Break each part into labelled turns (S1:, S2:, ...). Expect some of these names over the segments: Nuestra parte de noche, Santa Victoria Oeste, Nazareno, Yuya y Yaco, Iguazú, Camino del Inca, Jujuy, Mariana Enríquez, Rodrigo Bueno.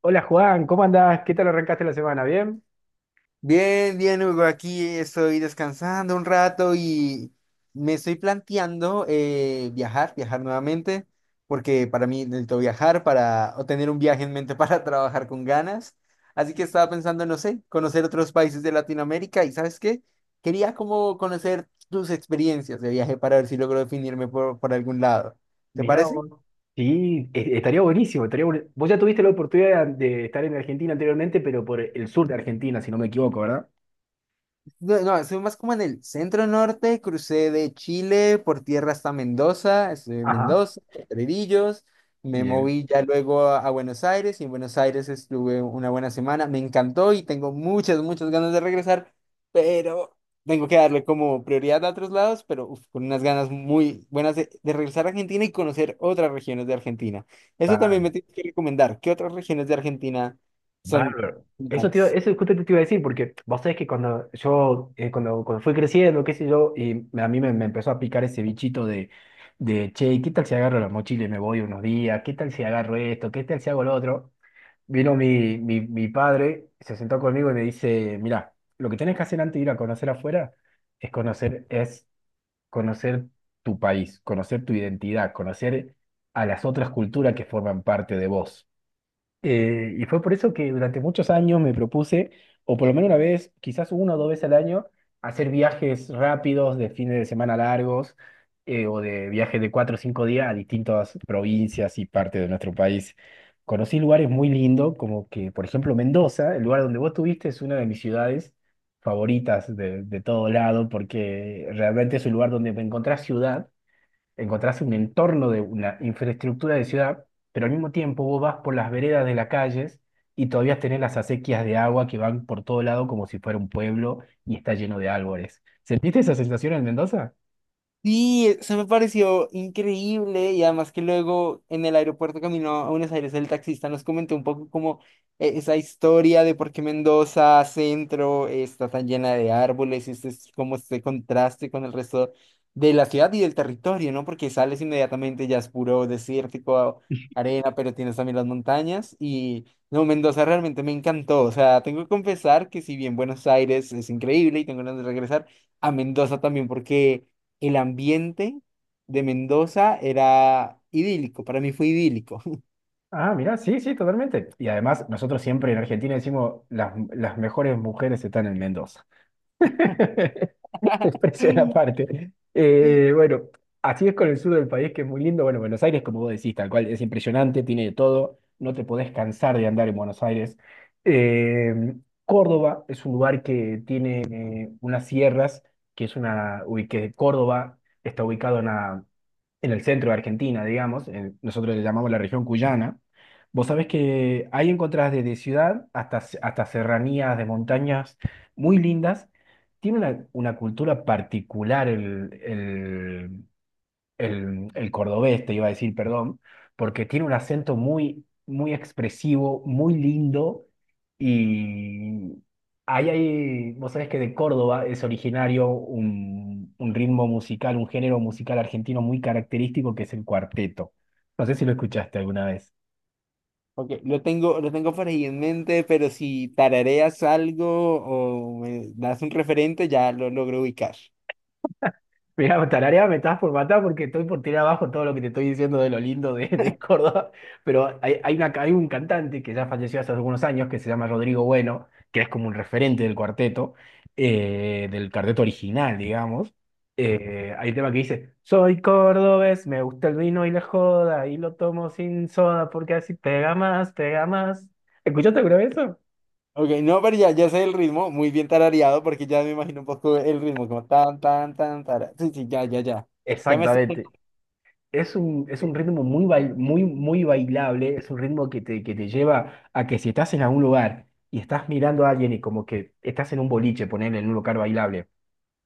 S1: Hola Juan, ¿cómo andás? ¿Qué tal arrancaste la semana? ¿Bien?
S2: Bien, bien, Hugo, aquí estoy descansando un rato y me estoy planteando viajar, viajar nuevamente, porque para mí necesito viajar para o tener un viaje en mente para trabajar con ganas. Así que estaba pensando, no sé, conocer otros países de Latinoamérica y ¿sabes qué? Quería como conocer tus experiencias de viaje para ver si logro definirme por algún lado. ¿Te
S1: Mirá
S2: parece?
S1: vos. Sí, estaría buenísimo, vos ya tuviste la oportunidad de estar en Argentina anteriormente, pero por el sur de Argentina, si no me equivoco, ¿verdad?
S2: No, no, estuve más como en el centro norte, crucé de Chile por tierra hasta Mendoza, estuve en
S1: Ajá.
S2: Mendoza, Herrerillos, me
S1: Bien.
S2: moví ya luego a Buenos Aires y en Buenos Aires estuve una buena semana, me encantó y tengo muchas, muchas ganas de regresar, pero tengo que darle como prioridad a otros lados, pero uf, con unas ganas muy buenas de regresar a Argentina y conocer otras regiones de Argentina. Eso también
S1: Bárbaro.
S2: me tienes que recomendar. ¿Qué otras regiones de Argentina son?
S1: Bárbaro. Eso,
S2: ¿Brutales?
S1: eso justo te iba a decir, porque vos sabés que cuando yo, cuando fui creciendo, qué sé yo, y a mí me empezó a picar ese bichito de, che, ¿qué tal si agarro la mochila y me voy unos días? ¿Qué tal si agarro esto? ¿Qué tal si hago lo otro? Vino mi padre, se sentó conmigo y me dice, mira, lo que tenés que hacer antes de ir a conocer afuera es conocer tu país, conocer tu identidad, conocer a las otras culturas que forman parte de vos. Y fue por eso que durante muchos años me propuse, o por lo menos una vez, quizás una o dos veces al año, hacer viajes rápidos de fines de semana largos o de viajes de cuatro o cinco días a distintas provincias y partes de nuestro país. Conocí lugares muy lindos, como que, por ejemplo, Mendoza, el lugar donde vos estuviste, es una de mis ciudades favoritas de todo lado, porque realmente es un lugar donde me encontrás ciudad encontrás un entorno de una infraestructura de ciudad, pero al mismo tiempo vos vas por las veredas de las calles y todavía tenés las acequias de agua que van por todo lado como si fuera un pueblo y está lleno de árboles. ¿Sentiste esa sensación en Mendoza?
S2: Sí, e, se me pareció increíble y además que luego en el aeropuerto camino a Buenos Aires el taxista nos comentó un poco como esa historia de por qué Mendoza Centro está tan llena de árboles y este es como este contraste con el resto de la ciudad y del territorio, ¿no? Porque sales inmediatamente ya es puro desértico, arena, pero tienes también las montañas y no, Mendoza realmente me encantó, o sea, tengo que confesar que si bien Buenos Aires es increíble y tengo ganas de regresar a Mendoza también porque el ambiente de Mendoza era idílico, para mí fue idílico.
S1: Ah, mirá, sí, sí, totalmente. Y además, nosotros siempre en Argentina decimos, las mejores mujeres están en Mendoza. Expresión aparte. Bueno, así es con el sur del país, que es muy lindo. Bueno, Buenos Aires, como vos decís, tal cual, es impresionante, tiene de todo. No te podés cansar de andar en Buenos Aires. Eh, Córdoba es un lugar que tiene unas sierras, que es una, uy, que Córdoba está ubicado en la en el centro de Argentina, digamos, nosotros le llamamos la región cuyana, vos sabés que ahí encontrás desde ciudad hasta serranías de montañas muy lindas. Tiene una cultura particular el cordobés, te iba a decir, perdón, porque tiene un acento muy, muy expresivo, muy lindo y ahí hay, vos sabés que de Córdoba es originario un ritmo musical, un género musical argentino muy característico que es el cuarteto. No sé si lo escuchaste alguna vez.
S2: Ok, lo tengo por ahí en mente, pero si tarareas algo o me das un referente, ya lo logro ubicar.
S1: Mira, Tararea me estás por matar porque estoy por tirar abajo todo lo que te estoy diciendo de lo lindo de Córdoba, pero hay un cantante que ya falleció hace algunos años que se llama Rodrigo Bueno, que es como un referente del cuarteto original, digamos. Hay un tema que dice, soy cordobés, me gusta el vino y la joda, y lo tomo sin soda porque así pega más, pega más. ¿Escuchaste alguna vez eso?
S2: Ok, no, pero ya, ya sé el ritmo, muy bien tarareado, porque ya me imagino un poco el ritmo, como tan, tan, tan, tara. Sí, sí, ya, ya, ya. Ya me estoy...
S1: Exactamente. Es un ritmo muy, muy, muy bailable, es un ritmo que te lleva a que si estás en algún lugar y estás mirando a alguien y como que estás en un boliche, ponerle en un lugar bailable,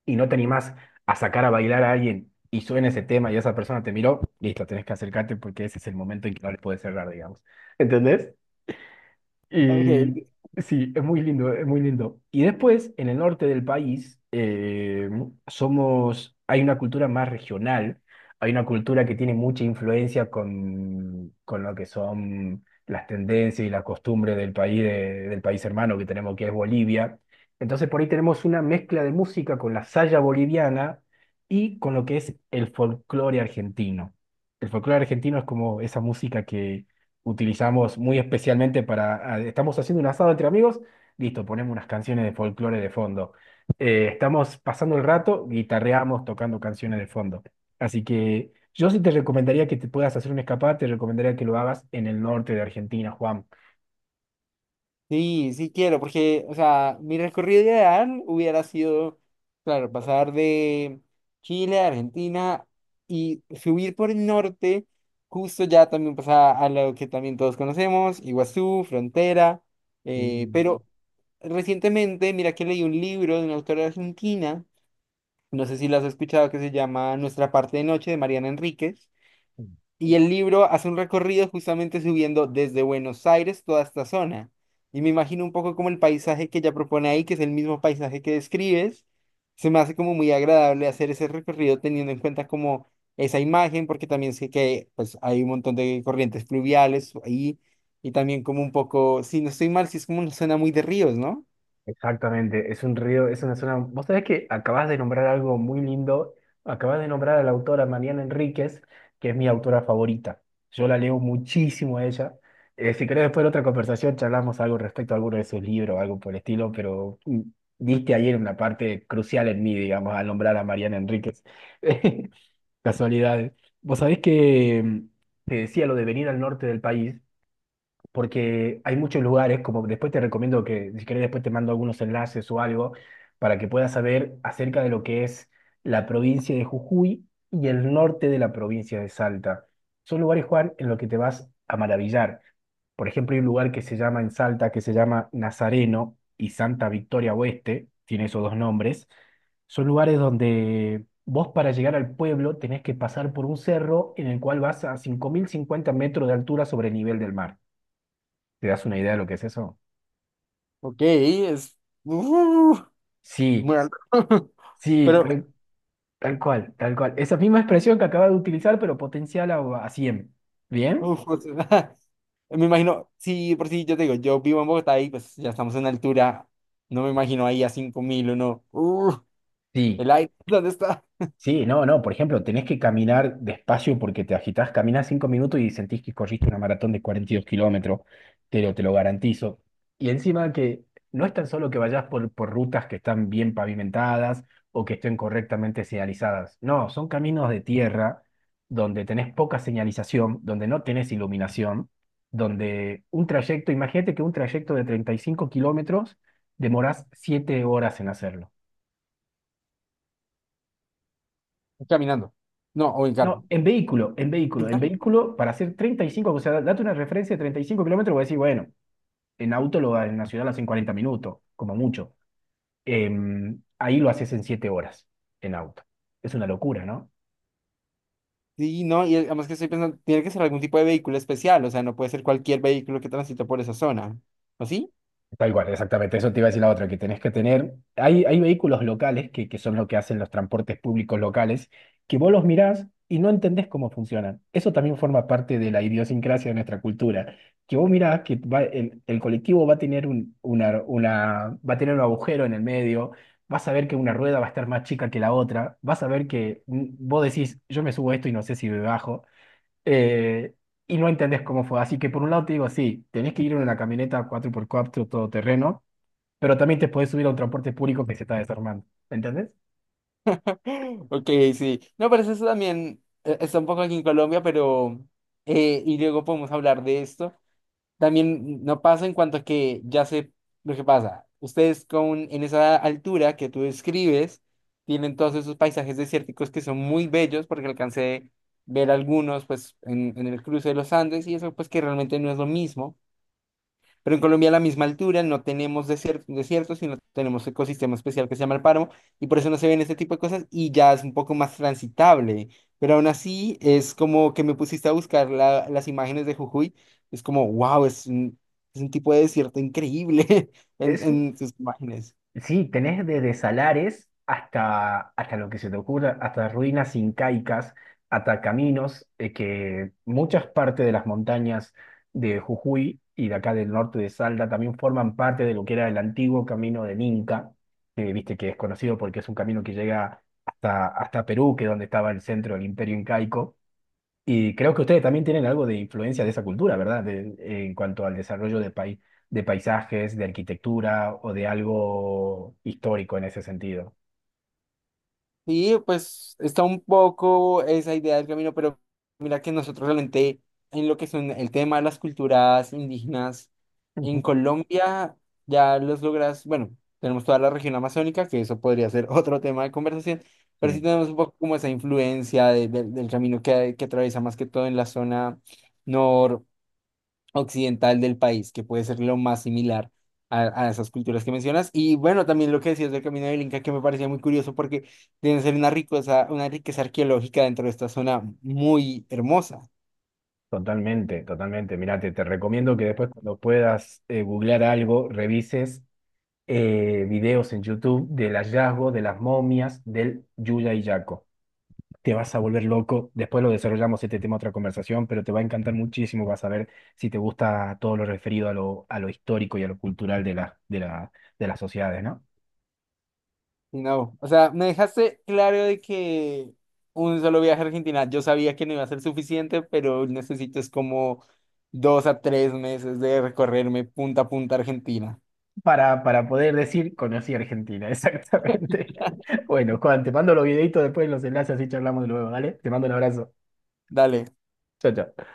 S1: y no te animás a sacar a bailar a alguien y suena ese tema y esa persona te miró, listo, tenés que acercarte porque ese es el momento en que no le puedes cerrar, digamos. ¿Entendés? Y
S2: Ok.
S1: sí, es muy lindo, es muy lindo. Y después, en el norte del país, somos, hay una cultura más regional, hay una cultura que tiene mucha influencia con lo que son las tendencias y las costumbres del país, del país hermano que tenemos, que es Bolivia. Entonces, por ahí tenemos una mezcla de música con la saya boliviana y con lo que es el folclore argentino. El folclore argentino es como esa música utilizamos muy especialmente para, estamos haciendo un asado entre amigos, listo, ponemos unas canciones de folclore de fondo. Estamos pasando el rato, guitarreamos tocando canciones de fondo. Así que yo sí te recomendaría que te puedas hacer un escapada, te recomendaría que lo hagas en el norte de Argentina, Juan.
S2: Sí, sí quiero, porque, o sea, mi recorrido ideal hubiera sido, claro, pasar de Chile a Argentina y subir por el norte, justo ya también pasar a lo que también todos conocemos, Iguazú, Frontera,
S1: Mm.
S2: pero recientemente, mira que leí un libro de una autora argentina, no sé si lo has escuchado, que se llama Nuestra parte de noche, de Mariana Enríquez. Y el libro hace un recorrido justamente subiendo desde Buenos Aires toda esta zona. Y me imagino un poco como el paisaje que ella propone ahí, que es el mismo paisaje que describes. Se me hace como muy agradable hacer ese recorrido teniendo en cuenta como esa imagen, porque también sé que pues, hay un montón de corrientes fluviales ahí. Y también como un poco, si no estoy mal, si es como una zona muy de ríos, ¿no?
S1: Exactamente, es un río, es una zona. Vos sabés que acabas de nombrar algo muy lindo, acabas de nombrar a la autora Mariana Enríquez, que es mi autora favorita. Yo la leo muchísimo a ella. Si querés, después de otra conversación charlamos algo respecto a alguno de sus libros, algo por el estilo, pero diste ayer una parte crucial en mí, digamos, al nombrar a Mariana Enríquez. Casualidades. Vos sabés que te decía lo de venir al norte del país porque hay muchos lugares, como después te recomiendo que, si querés, después te mando algunos enlaces o algo, para que puedas saber acerca de lo que es la provincia de Jujuy y el norte de la provincia de Salta. Son lugares, Juan, en los que te vas a maravillar. Por ejemplo, hay un lugar que se llama en Salta, que se llama Nazareno y Santa Victoria Oeste, tiene esos dos nombres. Son lugares donde vos para llegar al pueblo tenés que pasar por un cerro en el cual vas a 5.050 metros de altura sobre el nivel del mar. ¿Te das una idea de lo que es eso?
S2: Ok, es... ¡Uh! Muy
S1: Sí,
S2: alto.
S1: sí,
S2: Pero
S1: tal cual, tal cual. Esa misma expresión que acaba de utilizar, pero potencial a, 100. ¿Bien?
S2: uf, o sea, me imagino, sí, por sí, yo te digo, yo vivo en Bogotá y pues ya estamos en altura, no me imagino ahí a 5.000 o no.
S1: Sí.
S2: El aire, ¿dónde está?
S1: Sí, no, no, por ejemplo, tenés que caminar despacio porque te agitás, caminás cinco minutos y sentís que corriste una maratón de 42 kilómetros, te lo garantizo. Y encima que no es tan solo que vayas por rutas que están bien pavimentadas o que estén correctamente señalizadas, no, son caminos de tierra donde tenés poca señalización, donde no tenés iluminación, donde un trayecto, imagínate que un trayecto de 35 kilómetros demorás 7 horas en hacerlo.
S2: Caminando. No, o en
S1: No,
S2: carro. En
S1: en
S2: carro.
S1: vehículo para hacer 35, o sea, date una referencia de 35 kilómetros, voy a decir, bueno, en auto lo, en la ciudad lo haces en 40 minutos, como mucho. Ahí lo haces en 7 horas, en auto. Es una locura, ¿no?
S2: Sí, no, y además que estoy pensando, tiene que ser algún tipo de vehículo especial, o sea, no puede ser cualquier vehículo que transite por esa zona. ¿O sí?
S1: Tal cual, exactamente. Eso te iba a decir la otra, que tenés que tener. Hay vehículos locales que son lo que hacen los transportes públicos locales, que vos los mirás y no entendés cómo funcionan. Eso también forma parte de la idiosincrasia de nuestra cultura. Que vos mirás que el colectivo va a tener va a tener un agujero en el medio, vas a ver que una rueda va a estar más chica que la otra, vas a ver que vos decís, yo me subo a esto y no sé si me bajo eh, y no entendés cómo fue. Así que por un lado te digo, sí, tenés que ir en una camioneta 4x4 todoterreno, pero también te podés subir a un transporte público que se está desarmando. ¿Entendés?
S2: Ok, sí. No, pero eso también está un poco aquí en Colombia, pero... y luego podemos hablar de esto. También no pasa en cuanto a que ya sé lo que pasa. Ustedes con, en esa altura que tú describes, tienen todos esos paisajes desérticos que son muy bellos porque alcancé ver algunos pues en el cruce de los Andes y eso pues que realmente no es lo mismo. Pero en Colombia a la misma altura no tenemos desiertos, desiertos, sino tenemos ecosistema especial que se llama el páramo y por eso no se ven este tipo de cosas y ya es un poco más transitable. Pero aún así es como que me pusiste a buscar las imágenes de Jujuy. Es como, wow, es un tipo de desierto increíble
S1: Es,
S2: en sus imágenes.
S1: sí, tenés desde salares hasta lo que se te ocurra, hasta ruinas incaicas, hasta caminos que muchas partes de las montañas de Jujuy y de acá del norte de Salta también forman parte de lo que era el antiguo camino del Inca, que viste que es conocido porque es un camino que llega hasta Perú, que es donde estaba el centro del Imperio Incaico. Y creo que ustedes también tienen algo de influencia de esa cultura, ¿verdad? En cuanto al desarrollo de de paisajes, de arquitectura o de algo histórico en ese sentido.
S2: Sí, pues está un poco esa idea del camino, pero mira que nosotros realmente en lo que son el tema de las culturas indígenas
S1: Ujú.
S2: en Colombia ya los logras, bueno, tenemos toda la región amazónica, que eso podría ser otro tema de conversación, pero sí
S1: Sí,
S2: tenemos un poco como esa influencia del camino que atraviesa más que todo en la zona occidental del país, que puede ser lo más similar a esas culturas que mencionas. Y bueno, también lo que decías del Camino del Inca, que me parecía muy curioso porque deben ser una riqueza arqueológica dentro de esta zona muy hermosa.
S1: totalmente, totalmente. Mirá, te recomiendo que después cuando puedas googlear algo, revises videos en YouTube del hallazgo de las momias del Yuya y Yaco. Te vas a volver loco. Después lo desarrollamos este tema, otra conversación, pero te va a encantar muchísimo. Vas a ver si te gusta todo lo referido a lo histórico y a lo cultural de de las sociedades, ¿no?
S2: Y no, o sea, me dejaste claro de que un solo viaje a Argentina, yo sabía que no iba a ser suficiente, pero necesito es como 2 a 3 meses de recorrerme punta a punta Argentina.
S1: Para poder decir, conocí Argentina, exactamente. Bueno, Juan, te mando los videitos después los enlaces, así charlamos luego, ¿vale? Te mando un abrazo.
S2: Dale.
S1: Chao, chao.